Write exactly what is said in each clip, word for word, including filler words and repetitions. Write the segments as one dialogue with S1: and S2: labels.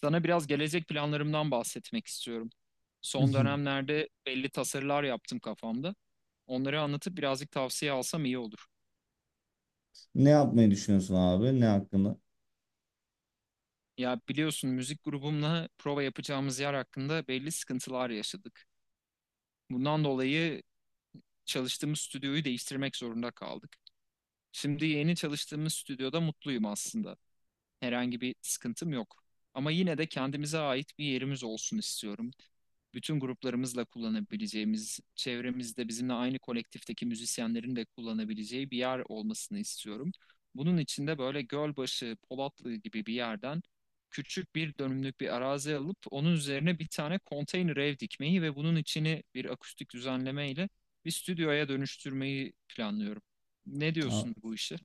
S1: Sana biraz gelecek planlarımdan bahsetmek istiyorum. Son dönemlerde belli tasarılar yaptım kafamda. Onları anlatıp birazcık tavsiye alsam iyi olur.
S2: Ne yapmayı düşünüyorsun abi? Ne hakkında?
S1: Ya biliyorsun müzik grubumla prova yapacağımız yer hakkında belli sıkıntılar yaşadık. Bundan dolayı çalıştığımız stüdyoyu değiştirmek zorunda kaldık. Şimdi yeni çalıştığımız stüdyoda mutluyum aslında. Herhangi bir sıkıntım yok. Ama yine de kendimize ait bir yerimiz olsun istiyorum. Bütün gruplarımızla kullanabileceğimiz, çevremizde bizimle aynı kolektifteki müzisyenlerin de kullanabileceği bir yer olmasını istiyorum. Bunun için de böyle Gölbaşı, Polatlı gibi bir yerden küçük bir dönümlük bir arazi alıp onun üzerine bir tane konteyner ev dikmeyi ve bunun içini bir akustik düzenlemeyle bir stüdyoya dönüştürmeyi planlıyorum. Ne diyorsun bu işe?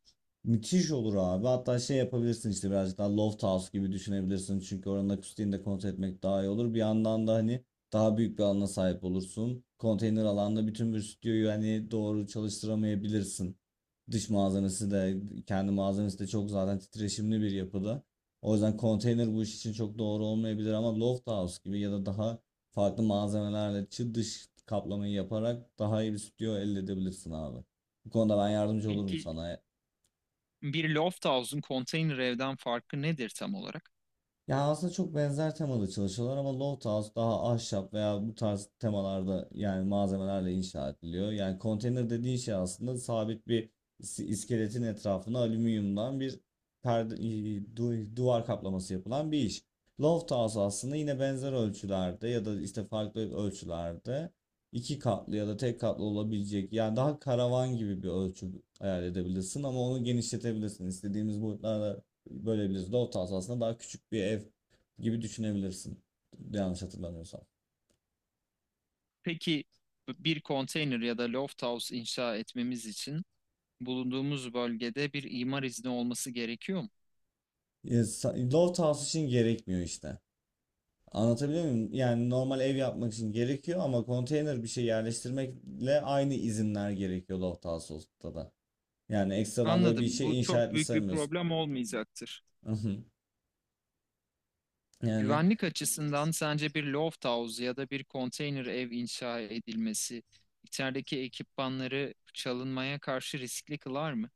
S2: Müthiş olur abi. Hatta şey yapabilirsin işte, birazcık daha loft house gibi düşünebilirsin. Çünkü oranın akustiğini de kontrol etmek daha iyi olur. Bir yandan da hani daha büyük bir alana sahip olursun. Konteyner alanda bütün bir stüdyoyu hani doğru çalıştıramayabilirsin. Dış malzemesi de kendi malzemesi de çok zaten titreşimli bir yapıda. O yüzden konteyner bu iş için çok doğru olmayabilir ama loft house gibi ya da daha farklı malzemelerle çı dış kaplamayı yaparak daha iyi bir stüdyo elde edebilirsin abi. Bu konuda ben yardımcı olurum
S1: Peki,
S2: sana.
S1: bir Lofthouse'un konteyner evden farkı nedir tam olarak?
S2: Ya aslında çok benzer temalı çalışıyorlar ama Loft House daha ahşap veya bu tarz temalarda, yani malzemelerle inşa ediliyor. Yani konteyner dediğin şey aslında sabit bir is- iskeletin etrafına alüminyumdan bir perde, i- du- duvar kaplaması yapılan bir iş. Loft House aslında yine benzer ölçülerde ya da işte farklı ölçülerde, iki katlı ya da tek katlı olabilecek, yani daha karavan gibi bir ölçü hayal edebilirsin ama onu genişletebilirsin. İstediğimiz boyutlarda, böyle Loft house aslında daha küçük bir ev gibi düşünebilirsin. Yanlış hatırlamıyorsam.
S1: Peki, bir konteyner ya da lofthouse inşa etmemiz için bulunduğumuz bölgede bir imar izni olması gerekiyor mu?
S2: E, House için gerekmiyor işte. Anlatabiliyor muyum? Yani normal ev yapmak için gerekiyor ama konteyner bir şey yerleştirmekle aynı izinler gerekiyor loft house'da da. Yani ekstradan böyle bir
S1: Anladım. Bu
S2: şey inşa
S1: çok
S2: etmiş
S1: büyük bir
S2: sayılmıyorsun.
S1: problem olmayacaktır.
S2: Yani.
S1: Güvenlik açısından sence bir loft house ya da bir konteyner ev inşa edilmesi içerideki ekipmanları çalınmaya karşı riskli kılar mı?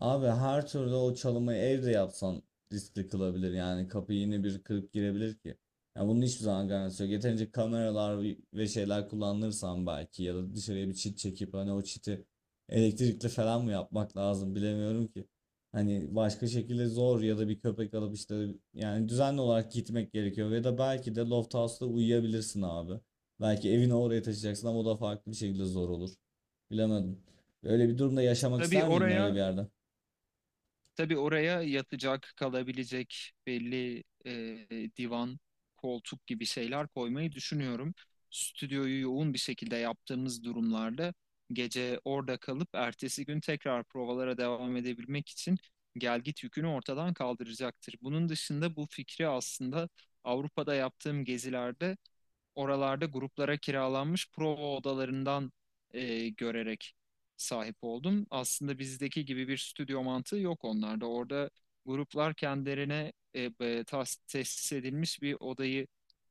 S2: Abi her türlü, o çalımı evde yapsan riskli kılabilir yani, kapıyı yine bir kırıp girebilir ki. Yani bunun hiçbir zaman garantisi yok. Yeterince kameralar ve şeyler kullanırsan belki, ya da dışarıya bir çit çekip hani o çiti elektrikli falan mı yapmak lazım bilemiyorum ki. Hani başka şekilde zor, ya da bir köpek alıp işte, yani düzenli olarak gitmek gerekiyor, ya da belki de loft house'da uyuyabilirsin abi. Belki evini oraya taşıyacaksın ama o da farklı bir şekilde zor olur. Bilemedim. Öyle bir durumda yaşamak
S1: Tabii
S2: ister miydin, öyle bir
S1: oraya
S2: yerde?
S1: Tabii oraya yatacak, kalabilecek belli e, divan, koltuk gibi şeyler koymayı düşünüyorum. Stüdyoyu yoğun bir şekilde yaptığımız durumlarda gece orada kalıp ertesi gün tekrar provalara devam edebilmek için gelgit yükünü ortadan kaldıracaktır. Bunun dışında bu fikri aslında Avrupa'da yaptığım gezilerde oralarda gruplara kiralanmış prova odalarından e, görerek sahip oldum. Aslında bizdeki gibi bir stüdyo mantığı yok onlarda. Orada gruplar kendilerine e, e, tas- tesis edilmiş bir odayı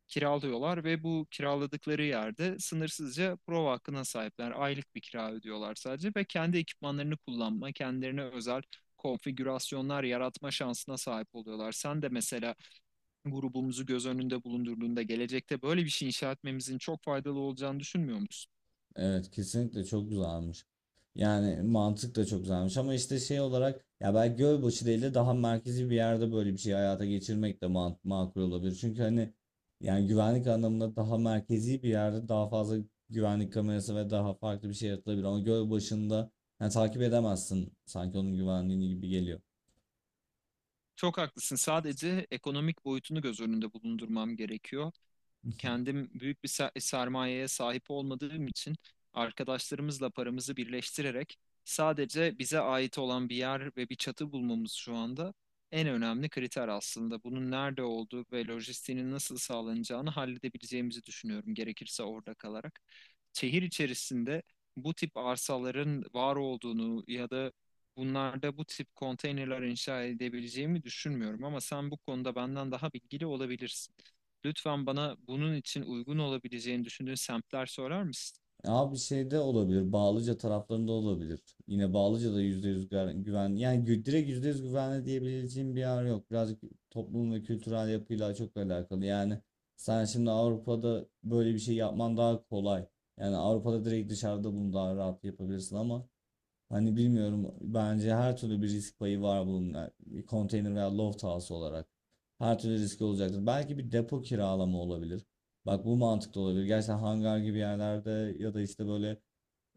S1: kiralıyorlar ve bu kiraladıkları yerde sınırsızca prova hakkına sahipler. Aylık bir kira ödüyorlar sadece ve kendi ekipmanlarını kullanma, kendilerine özel konfigürasyonlar yaratma şansına sahip oluyorlar. Sen de mesela grubumuzu göz önünde bulundurduğunda gelecekte böyle bir şey inşa etmemizin çok faydalı olacağını düşünmüyor musun?
S2: Evet, kesinlikle çok güzelmiş. Yani mantık da çok güzelmiş ama işte şey olarak, ya belki Gölbaşı değil de daha merkezi bir yerde böyle bir şeyi hayata geçirmek de man- makul olabilir. Çünkü hani, yani güvenlik anlamında daha merkezi bir yerde daha fazla güvenlik kamerası ve daha farklı bir şey yaratılabilir. Ama Gölbaşı'nda yani takip edemezsin sanki, onun güvenliğini gibi geliyor.
S1: Çok haklısın. Sadece ekonomik boyutunu göz önünde bulundurmam gerekiyor. Kendim büyük bir ser- sermayeye sahip olmadığım için arkadaşlarımızla paramızı birleştirerek sadece bize ait olan bir yer ve bir çatı bulmamız şu anda en önemli kriter aslında. Bunun nerede olduğu ve lojistiğinin nasıl sağlanacağını halledebileceğimizi düşünüyorum, gerekirse orada kalarak. Şehir içerisinde bu tip arsaların var olduğunu ya da bunlarda bu tip konteynerler inşa edebileceğimi düşünmüyorum, ama sen bu konuda benden daha bilgili olabilirsin. Lütfen bana bunun için uygun olabileceğini düşündüğün semtler sorar mısın?
S2: Abi şeyde olabilir. Bağlıca taraflarında olabilir. Yine Bağlıca'da yüzde yüz gar- güven. Yani gü- direkt yüzde yüz güvenli diyebileceğim bir yer yok. Birazcık toplum ve kültürel yapıyla çok alakalı. Yani sen şimdi Avrupa'da böyle bir şey yapman daha kolay. Yani Avrupa'da direkt dışarıda bunu daha rahat yapabilirsin ama hani bilmiyorum, bence her türlü bir risk payı var bunun, yani konteyner veya loft house olarak. Her türlü riski olacaktır. Belki bir depo kiralama olabilir. Bak, bu mantıklı olabilir. Gerçekten hangar gibi yerlerde ya da işte böyle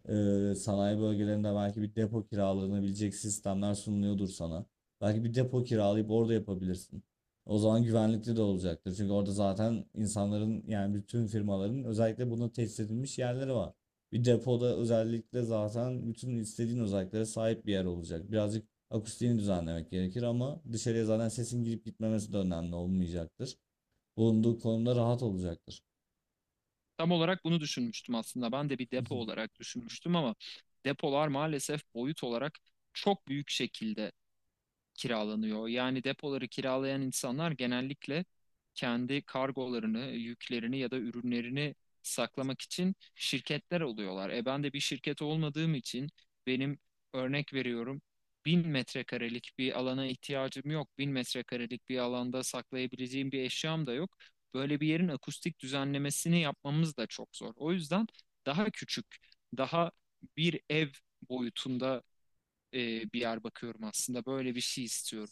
S2: ee, sanayi bölgelerinde belki bir depo kiralanabilecek sistemler sunuluyordur sana. Belki bir depo kiralayıp orada yapabilirsin. O zaman güvenlikli de olacaktır. Çünkü orada zaten insanların, yani bütün firmaların özellikle buna tesis edilmiş yerleri var. Bir depoda özellikle zaten bütün istediğin özelliklere sahip bir yer olacak. Birazcık akustiğini düzenlemek gerekir ama dışarıya zaten sesin girip gitmemesi de önemli olmayacaktır. Bulunduğu konumda rahat olacaktır.
S1: Tam olarak bunu düşünmüştüm aslında. Ben de bir depo olarak düşünmüştüm, ama depolar maalesef boyut olarak çok büyük şekilde kiralanıyor. Yani depoları kiralayan insanlar genellikle kendi kargolarını, yüklerini ya da ürünlerini saklamak için şirketler oluyorlar. E ben de bir şirket olmadığım için benim, örnek veriyorum, bin metrekarelik bir alana ihtiyacım yok. Bin metrekarelik bir alanda saklayabileceğim bir eşyam da yok. Böyle bir yerin akustik düzenlemesini yapmamız da çok zor. O yüzden daha küçük, daha bir ev boyutunda e, bir yer bakıyorum aslında. Böyle bir şey istiyorum.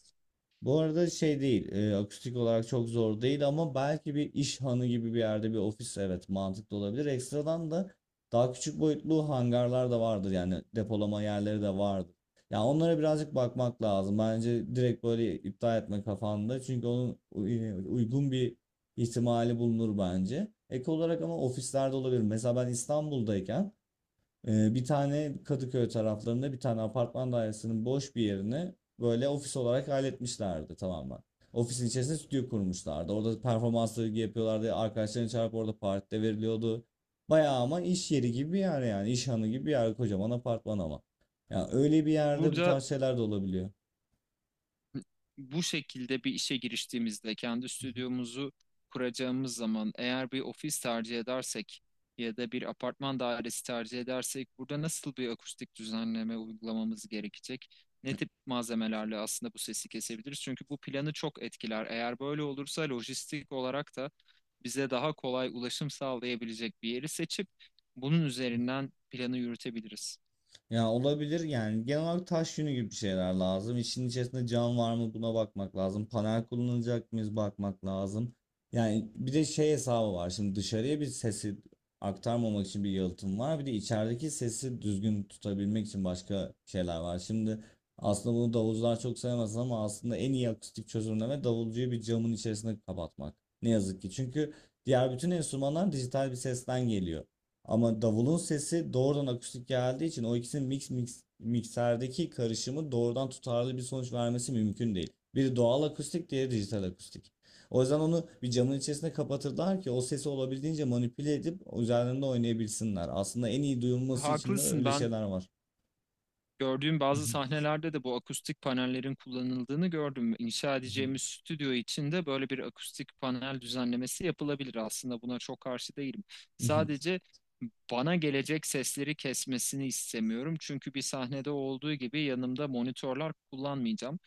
S2: Bu arada şey değil, e, akustik olarak çok zor değil ama belki bir iş hanı gibi bir yerde bir ofis, evet, mantıklı olabilir. Ekstradan da daha küçük boyutlu hangarlar da vardır, yani depolama yerleri de vardır. Yani onlara birazcık bakmak lazım. Bence direkt böyle iptal etme kafanda, çünkü onun uy- uygun bir ihtimali bulunur bence. Ek olarak ama ofislerde olabilir. Mesela ben İstanbul'dayken ee, bir tane Kadıköy taraflarında bir tane apartman dairesinin boş bir yerini böyle ofis olarak halletmişlerdi tamamen. Ofisin içerisinde stüdyo kurmuşlardı. Orada performansları yapıyorlardı. Arkadaşlarını çağırıp orada partide veriliyordu. Bayağı ama iş yeri gibi bir yer yani. İş hanı gibi bir yer. Kocaman apartman ama. Yani öyle bir yerde bu
S1: Burada
S2: tarz şeyler de olabiliyor.
S1: bu şekilde bir işe giriştiğimizde kendi stüdyomuzu kuracağımız zaman eğer bir ofis tercih edersek ya da bir apartman dairesi tercih edersek burada nasıl bir akustik düzenleme uygulamamız gerekecek? Ne tip malzemelerle aslında bu sesi kesebiliriz? Çünkü bu planı çok etkiler. Eğer böyle olursa lojistik olarak da bize daha kolay ulaşım sağlayabilecek bir yeri seçip bunun üzerinden planı yürütebiliriz.
S2: Ya olabilir, yani genel olarak taş yünü gibi bir şeyler lazım. İşin içerisinde cam var mı buna bakmak lazım. Panel kullanacak mıyız, bakmak lazım. Yani bir de şey hesabı var. Şimdi dışarıya bir sesi aktarmamak için bir yalıtım var. Bir de içerideki sesi düzgün tutabilmek için başka şeyler var. Şimdi, aslında bunu davulcular çok sevmez ama aslında en iyi akustik çözümleme, davulcuyu bir camın içerisine kapatmak. Ne yazık ki. Çünkü diğer bütün enstrümanlar dijital bir sesten geliyor. Ama davulun sesi doğrudan akustik geldiği için o ikisinin mix, mix mikserdeki karışımı doğrudan tutarlı bir sonuç vermesi mümkün değil. Biri doğal akustik, diğeri dijital akustik. O yüzden onu bir camın içerisine kapatırlar ki o sesi olabildiğince manipüle edip üzerlerinde oynayabilsinler. Aslında en iyi duyulması için de
S1: Haklısın,
S2: öyle
S1: ben
S2: şeyler var.
S1: gördüğüm bazı sahnelerde de bu akustik panellerin kullanıldığını gördüm. İnşa edeceğimiz stüdyo için de böyle bir akustik panel düzenlemesi yapılabilir. Aslında buna çok karşı değilim. Sadece bana gelecek sesleri kesmesini istemiyorum. Çünkü bir sahnede olduğu gibi yanımda monitörler kullanmayacağım.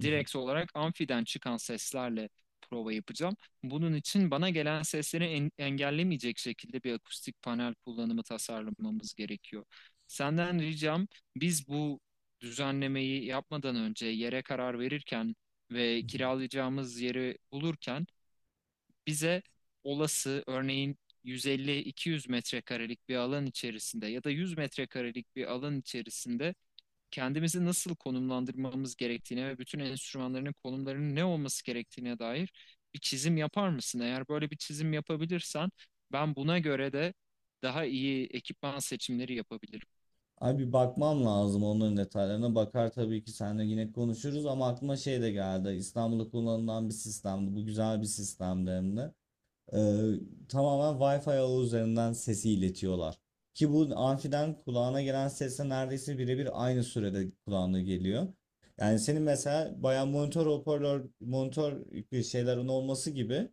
S1: Direkt olarak amfiden çıkan seslerle prova yapacağım. Bunun için bana gelen sesleri en- engellemeyecek şekilde bir akustik panel kullanımı tasarlamamız gerekiyor. Senden ricam, biz bu düzenlemeyi yapmadan önce yere karar verirken ve kiralayacağımız yeri bulurken bize olası, örneğin yüz elli iki yüz metrekarelik bir alan içerisinde ya da yüz metrekarelik bir alan içerisinde kendimizi nasıl konumlandırmamız gerektiğine ve bütün enstrümanların konumlarının ne olması gerektiğine dair bir çizim yapar mısın? Eğer böyle bir çizim yapabilirsen ben buna göre de daha iyi ekipman seçimleri yapabilirim.
S2: Ay, bir bakmam lazım onların detaylarına. Bakar tabii ki, seninle yine konuşuruz ama aklıma şey de geldi. İstanbul'da kullanılan bir sistemdi. Bu güzel bir sistemdi hem de. Ee, Tamamen Wi-Fi ağı üzerinden sesi iletiyorlar. Ki bu amfiden kulağına gelen sesle neredeyse birebir aynı sürede kulağına geliyor. Yani senin mesela bayağı monitör hoparlör, monitör bir şeylerin olması gibi,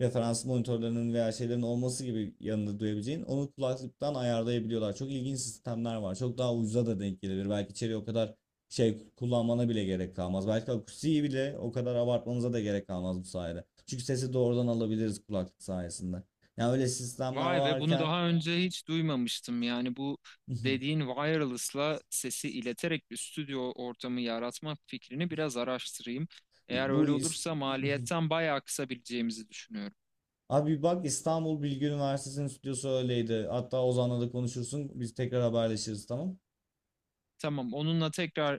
S2: referans monitörlerinin veya şeylerin olması gibi yanında duyabileceğin, onu kulaklıktan ayarlayabiliyorlar. Çok ilginç sistemler var. Çok daha ucuza da denk gelebilir. Belki içeriye o kadar şey kullanmana bile gerek kalmaz. Belki akustiği bile o kadar abartmanıza da gerek kalmaz bu sayede. Çünkü sesi doğrudan alabiliriz kulaklık sayesinde. Yani öyle sistemler
S1: Vay be, bunu
S2: varken.
S1: daha önce hiç duymamıştım. Yani bu dediğin wireless'la sesi ileterek bir stüdyo ortamı yaratma fikrini biraz araştırayım. Eğer
S2: bu
S1: öyle
S2: is-
S1: olursa maliyetten bayağı kısabileceğimizi düşünüyorum.
S2: Abi bak, İstanbul Bilgi Üniversitesi'nin stüdyosu öyleydi. Hatta Ozan'la da konuşursun. Biz tekrar haberleşiriz, tamam.
S1: Tamam, onunla tekrar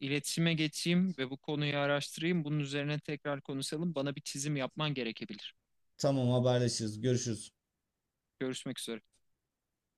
S1: iletişime geçeyim ve bu konuyu araştırayım. Bunun üzerine tekrar konuşalım. Bana bir çizim yapman gerekebilir.
S2: Tamam, haberleşiriz. Görüşürüz.
S1: Görüşmek üzere.